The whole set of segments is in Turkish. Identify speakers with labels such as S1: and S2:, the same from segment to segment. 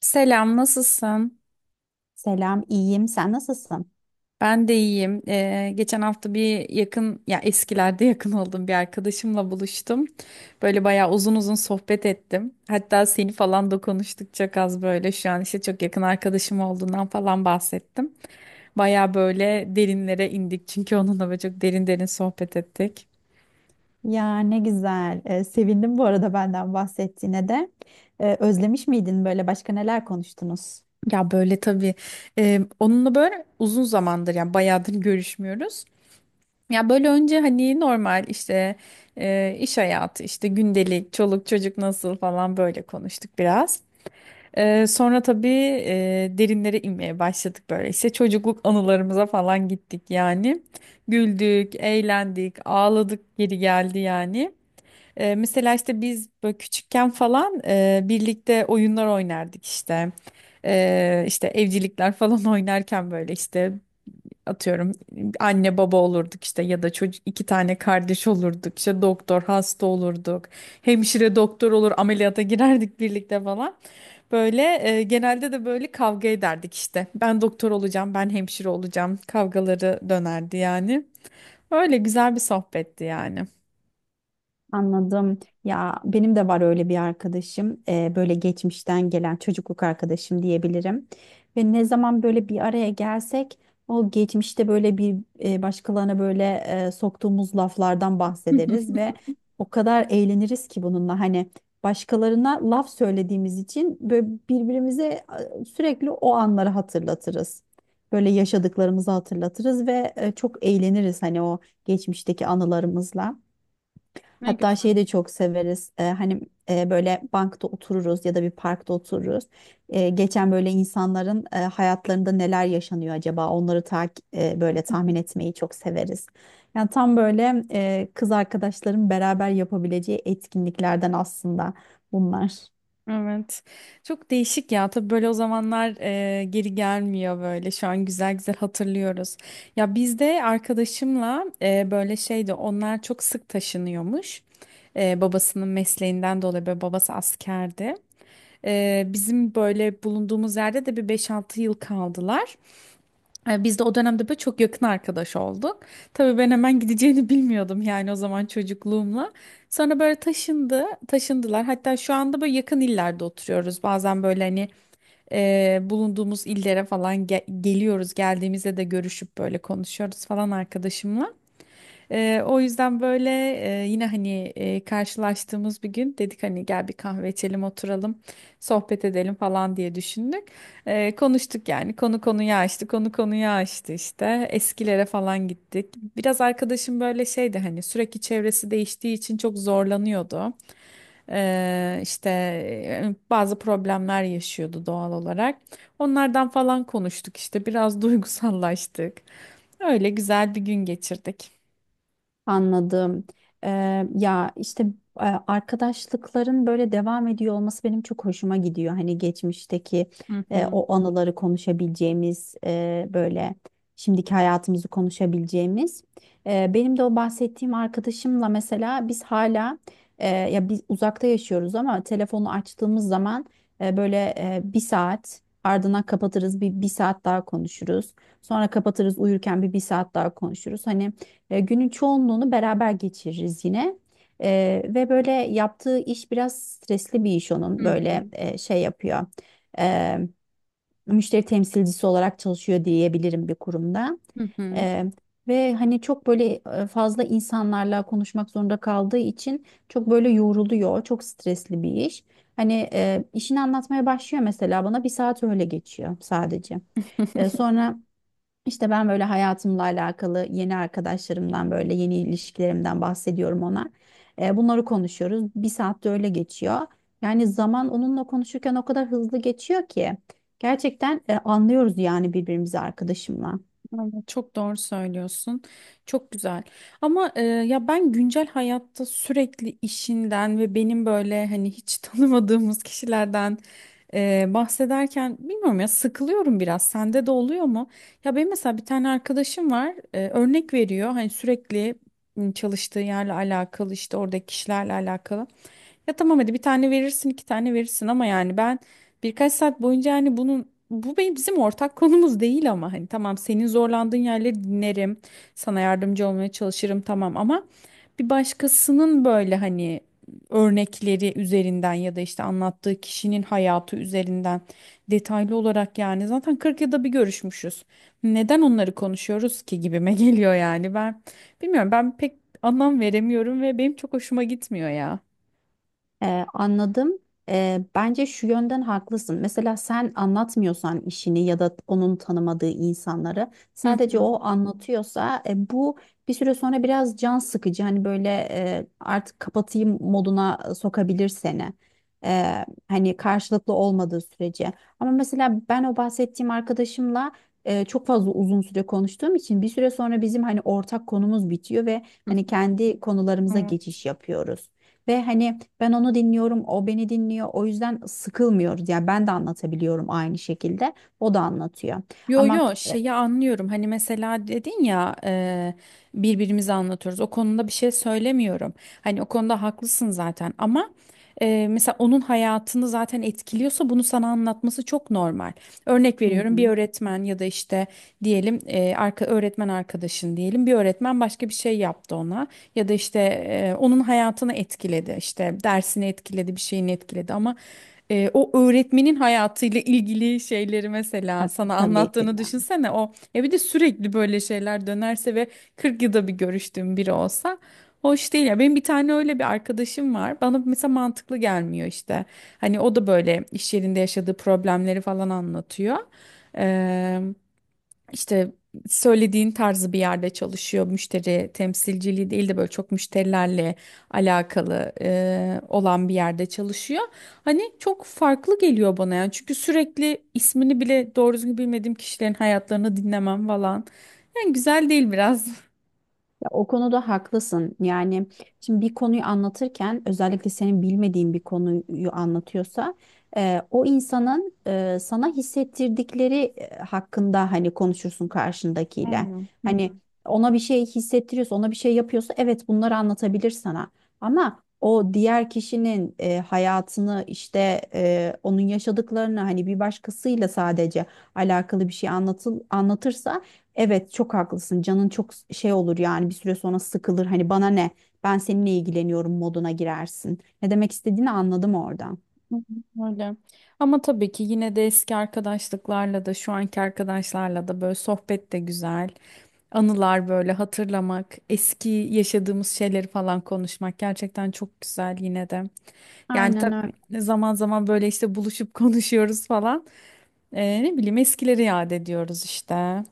S1: Selam, nasılsın?
S2: Selam, iyiyim. Sen nasılsın?
S1: Ben de iyiyim. Geçen hafta ya eskilerde yakın olduğum bir arkadaşımla buluştum. Böyle bayağı uzun uzun sohbet ettim. Hatta seni falan da konuştuk çok az böyle. Şu an işte çok yakın arkadaşım olduğundan falan bahsettim. Bayağı böyle derinlere indik çünkü onunla böyle çok derin derin sohbet ettik.
S2: Ya ne güzel. Sevindim bu arada benden bahsettiğine de. Özlemiş miydin böyle başka neler konuştunuz?
S1: Ya böyle tabii, onunla böyle uzun zamandır yani bayağıdır görüşmüyoruz. Ya böyle önce hani normal işte, iş hayatı işte gündelik çoluk çocuk nasıl falan böyle konuştuk biraz. Sonra tabii, derinlere inmeye başladık böyle işte çocukluk anılarımıza falan gittik yani. Güldük, eğlendik, ağladık, geri geldi yani. Mesela işte biz böyle küçükken falan, birlikte oyunlar oynardık işte. İşte evcilikler falan oynarken böyle işte atıyorum anne baba olurduk işte, ya da çocuk iki tane kardeş olurduk, işte doktor hasta olurduk, hemşire doktor olur ameliyata girerdik birlikte falan böyle. Genelde de böyle kavga ederdik, işte ben doktor olacağım, ben hemşire olacağım kavgaları dönerdi yani. Öyle güzel bir sohbetti yani.
S2: Anladım. Ya benim de var öyle bir arkadaşım. Böyle geçmişten gelen çocukluk arkadaşım diyebilirim. Ve ne zaman böyle bir araya gelsek o geçmişte böyle bir başkalarına böyle soktuğumuz laflardan bahsederiz ve o kadar eğleniriz ki bununla hani başkalarına laf söylediğimiz için böyle birbirimize sürekli o anları hatırlatırız. Böyle yaşadıklarımızı hatırlatırız ve çok eğleniriz hani o geçmişteki anılarımızla.
S1: Ne
S2: Hatta
S1: güzel.
S2: şeyi de çok severiz. Hani böyle bankta otururuz ya da bir parkta otururuz. Geçen böyle insanların hayatlarında neler yaşanıyor acaba? Onları böyle tahmin etmeyi çok severiz. Yani tam böyle kız arkadaşların beraber yapabileceği etkinliklerden aslında bunlar.
S1: Evet. Çok değişik ya. Tabii böyle o zamanlar, geri gelmiyor böyle. Şu an güzel güzel hatırlıyoruz. Ya biz de arkadaşımla, böyle şeydi. Onlar çok sık taşınıyormuş. Babasının mesleğinden dolayı böyle babası askerdi. Bizim böyle bulunduğumuz yerde de bir 5-6 yıl kaldılar. Biz de o dönemde böyle çok yakın arkadaş olduk. Tabii ben hemen gideceğini bilmiyordum yani o zaman çocukluğumla. Sonra böyle taşındı, taşındılar. Hatta şu anda böyle yakın illerde oturuyoruz. Bazen böyle hani, bulunduğumuz illere falan geliyoruz. Geldiğimizde de görüşüp böyle konuşuyoruz falan arkadaşımla. O yüzden böyle, yine hani, karşılaştığımız bir gün dedik hani gel bir kahve içelim, oturalım, sohbet edelim falan diye düşündük. Konuştuk yani, konu konuyu açtı konu konuyu açtı, işte eskilere falan gittik. Biraz arkadaşım böyle şeydi hani sürekli çevresi değiştiği için çok zorlanıyordu. İşte bazı problemler yaşıyordu doğal olarak. Onlardan falan konuştuk işte, biraz duygusallaştık. Öyle güzel bir gün geçirdik.
S2: Anladım. Ya işte arkadaşlıkların böyle devam ediyor olması benim çok hoşuma gidiyor. Hani geçmişteki
S1: Hı hı.
S2: o anıları konuşabileceğimiz, böyle şimdiki hayatımızı konuşabileceğimiz. Benim de o bahsettiğim arkadaşımla mesela biz hala, ya biz uzakta yaşıyoruz, ama telefonu açtığımız zaman böyle bir saat ardından kapatırız, bir saat daha konuşuruz. Sonra kapatırız, uyurken bir saat daha konuşuruz. Hani. Günün çoğunluğunu beraber geçiririz yine. Ve böyle yaptığı iş biraz stresli bir iş onun.
S1: Hı
S2: Böyle
S1: hı.
S2: şey yapıyor. E, müşteri temsilcisi olarak çalışıyor diyebilirim bir kurumda.
S1: Hı hı.
S2: E, ve hani çok böyle fazla insanlarla konuşmak zorunda kaldığı için çok böyle yoruluyor. Çok stresli bir iş. Hani işini anlatmaya başlıyor mesela bana, bir saat öyle geçiyor sadece. E, sonra işte ben böyle hayatımla alakalı yeni arkadaşlarımdan, böyle yeni ilişkilerimden bahsediyorum ona. Bunları konuşuyoruz. Bir saatte öyle geçiyor. Yani zaman onunla konuşurken o kadar hızlı geçiyor ki gerçekten anlıyoruz yani birbirimizi arkadaşımla.
S1: Aynen, çok doğru söylüyorsun. Çok güzel. Ama, ya ben güncel hayatta sürekli işinden ve benim böyle hani hiç tanımadığımız kişilerden, bahsederken bilmiyorum ya, sıkılıyorum biraz. Sende de oluyor mu? Ya benim mesela bir tane arkadaşım var. Örnek veriyor. Hani sürekli, çalıştığı yerle alakalı, işte oradaki kişilerle alakalı. Ya tamam hadi bir tane verirsin, iki tane verirsin ama yani ben birkaç saat boyunca hani bunun bu benim bizim ortak konumuz değil, ama hani tamam, senin zorlandığın yerleri dinlerim. Sana yardımcı olmaya çalışırım tamam, ama bir başkasının böyle hani örnekleri üzerinden ya da işte anlattığı kişinin hayatı üzerinden detaylı olarak, yani zaten 40 yılda bir görüşmüşüz. Neden onları konuşuyoruz ki, gibime geliyor yani. Ben bilmiyorum, ben pek anlam veremiyorum ve benim çok hoşuma gitmiyor ya.
S2: Anladım. Bence şu yönden haklısın. Mesela sen anlatmıyorsan işini, ya da onun tanımadığı insanları sadece
S1: Hı
S2: o anlatıyorsa bu bir süre sonra biraz can sıkıcı. Hani böyle artık kapatayım moduna sokabilir seni. Hani karşılıklı olmadığı sürece. Ama mesela ben o bahsettiğim arkadaşımla çok fazla uzun süre konuştuğum için bir süre sonra bizim hani ortak konumuz bitiyor ve hani kendi konularımıza
S1: hı.
S2: geçiş yapıyoruz. Ve hani ben onu dinliyorum, o beni dinliyor. O yüzden sıkılmıyoruz. Yani ben de anlatabiliyorum aynı şekilde. O da anlatıyor.
S1: Yo
S2: Ama
S1: yo, şeyi anlıyorum hani mesela dedin ya, birbirimize anlatıyoruz, o konuda bir şey söylemiyorum, hani o konuda haklısın zaten ama, mesela onun hayatını zaten etkiliyorsa bunu sana anlatması çok normal. Örnek
S2: Hı
S1: veriyorum, bir
S2: hı.
S1: öğretmen ya da işte diyelim, e, arka öğretmen arkadaşın diyelim, bir öğretmen başka bir şey yaptı ona, ya da işte, onun hayatını etkiledi, işte dersini etkiledi, bir şeyini etkiledi ama, o öğretmenin hayatıyla ilgili şeyleri mesela
S2: Ha,
S1: sana
S2: tabii ki de.
S1: anlattığını düşünsene. O ya bir de sürekli böyle şeyler dönerse ve 40 yılda bir görüştüğüm biri olsa hoş değil ya. Benim bir tane öyle bir arkadaşım var, bana mesela mantıklı gelmiyor işte. Hani o da böyle iş yerinde yaşadığı problemleri falan anlatıyor, işte söylediğin tarzı bir yerde çalışıyor. Müşteri temsilciliği değil de böyle çok müşterilerle alakalı, olan bir yerde çalışıyor. Hani çok farklı geliyor bana yani. Çünkü sürekli ismini bile doğru düzgün bilmediğim kişilerin hayatlarını dinlemem falan. Yani güzel değil biraz.
S2: Ya, o konuda haklısın. Yani şimdi bir konuyu anlatırken, özellikle senin bilmediğin bir konuyu anlatıyorsa, o insanın sana hissettirdikleri hakkında hani konuşursun karşındakiyle. Hani ona bir şey hissettiriyorsa, ona bir şey yapıyorsa, evet, bunları anlatabilir sana. Ama o diğer kişinin hayatını, işte onun yaşadıklarını hani bir başkasıyla sadece alakalı bir şey anlatırsa, evet çok haklısın. Canın çok şey olur yani bir süre sonra, sıkılır. Hani bana ne? Ben seninle ilgileniyorum moduna girersin. Ne demek istediğini anladım oradan.
S1: Hı hı, öyle. Ama tabii ki yine de eski arkadaşlıklarla da şu anki arkadaşlarla da böyle sohbet de güzel. Anılar böyle hatırlamak, eski yaşadığımız şeyleri falan konuşmak gerçekten çok güzel yine de. Yani
S2: Aynen öyle.
S1: tabii zaman zaman böyle işte buluşup konuşuyoruz falan. Ne bileyim, eskileri yad ediyoruz işte.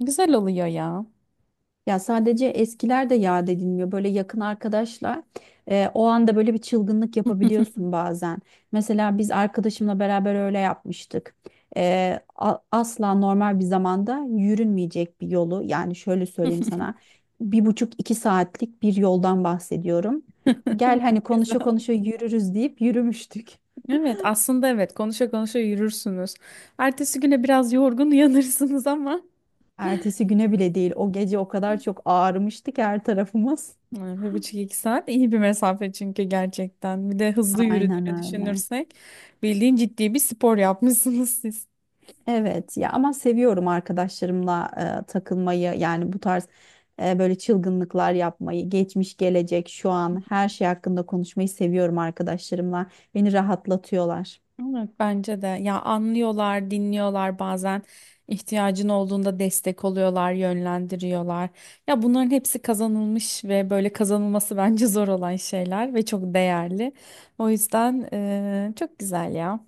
S1: Güzel oluyor ya.
S2: Ya sadece eskiler de yad edilmiyor. Böyle yakın arkadaşla o anda böyle bir çılgınlık yapabiliyorsun bazen. Mesela biz arkadaşımla beraber öyle yapmıştık. Asla normal bir zamanda yürünmeyecek bir yolu, yani şöyle söyleyeyim sana, bir buçuk iki saatlik bir yoldan bahsediyorum. Gel hani, konuşa
S1: Güzel.
S2: konuşa yürürüz deyip yürümüştük.
S1: Evet aslında evet, konuşa konuşa yürürsünüz. Ertesi güne biraz yorgun uyanırsınız ama.
S2: Ertesi güne bile değil, o gece o kadar çok ağrımıştı ki her tarafımız.
S1: Yani bir buçuk iki saat iyi bir mesafe çünkü, gerçekten. Bir de hızlı
S2: Aynen
S1: yürüdüğünü
S2: öyle.
S1: düşünürsek, bildiğin ciddi bir spor yapmışsınız siz.
S2: Evet ya, ama seviyorum arkadaşlarımla takılmayı, yani bu tarz böyle çılgınlıklar yapmayı, geçmiş, gelecek, şu an, her şey hakkında konuşmayı seviyorum arkadaşlarımla. Beni rahatlatıyorlar.
S1: Evet bence de. Ya, anlıyorlar, dinliyorlar bazen. İhtiyacın olduğunda destek oluyorlar, yönlendiriyorlar. Ya bunların hepsi kazanılmış ve böyle kazanılması bence zor olan şeyler ve çok değerli. O yüzden, çok güzel ya.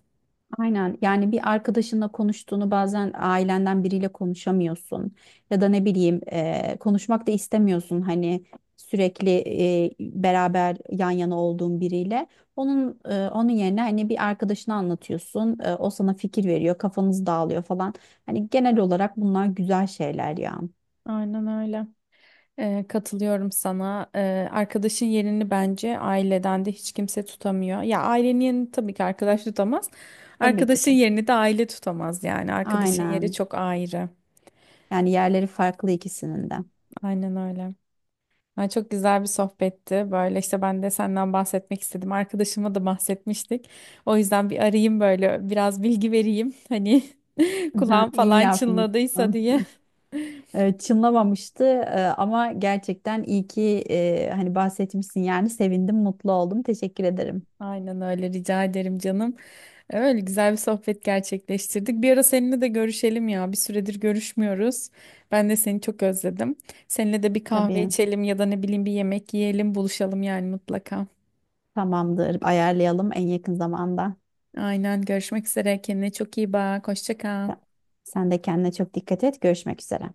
S2: Aynen, yani bir arkadaşınla konuştuğunu bazen ailenden biriyle konuşamıyorsun, ya da ne bileyim konuşmak da istemiyorsun, hani sürekli beraber yan yana olduğun biriyle, onun yerine hani bir arkadaşına anlatıyorsun. O sana fikir veriyor, kafanız dağılıyor falan. Hani genel olarak bunlar güzel şeyler ya.
S1: Aynen öyle. Katılıyorum sana. Arkadaşın yerini bence aileden de hiç kimse tutamıyor. Ya ailenin yerini tabii ki arkadaş tutamaz.
S2: Tabii ki de.
S1: Arkadaşın yerini de aile tutamaz yani. Arkadaşın yeri
S2: Aynen.
S1: çok ayrı.
S2: Yani yerleri farklı ikisinin de.
S1: Aynen öyle. Yani çok güzel bir sohbetti. Böyle işte ben de senden bahsetmek istedim. Arkadaşıma da bahsetmiştik. O yüzden bir arayayım böyle, biraz bilgi vereyim. Hani kulağım
S2: iyi
S1: falan çınladıysa
S2: yapmışsın.
S1: diye.
S2: Çınlamamıştı. Ama gerçekten iyi ki hani bahsetmişsin, yani sevindim, mutlu oldum. Teşekkür ederim.
S1: Aynen öyle, rica ederim canım. Öyle güzel bir sohbet gerçekleştirdik. Bir ara seninle de görüşelim ya. Bir süredir görüşmüyoruz. Ben de seni çok özledim. Seninle de bir kahve
S2: Tabii,
S1: içelim ya da ne bileyim bir yemek yiyelim, buluşalım yani mutlaka.
S2: tamamdır. Ayarlayalım en yakın zamanda.
S1: Aynen, görüşmek üzere. Kendine çok iyi bak. Hoşça kal.
S2: Sen de kendine çok dikkat et. Görüşmek üzere.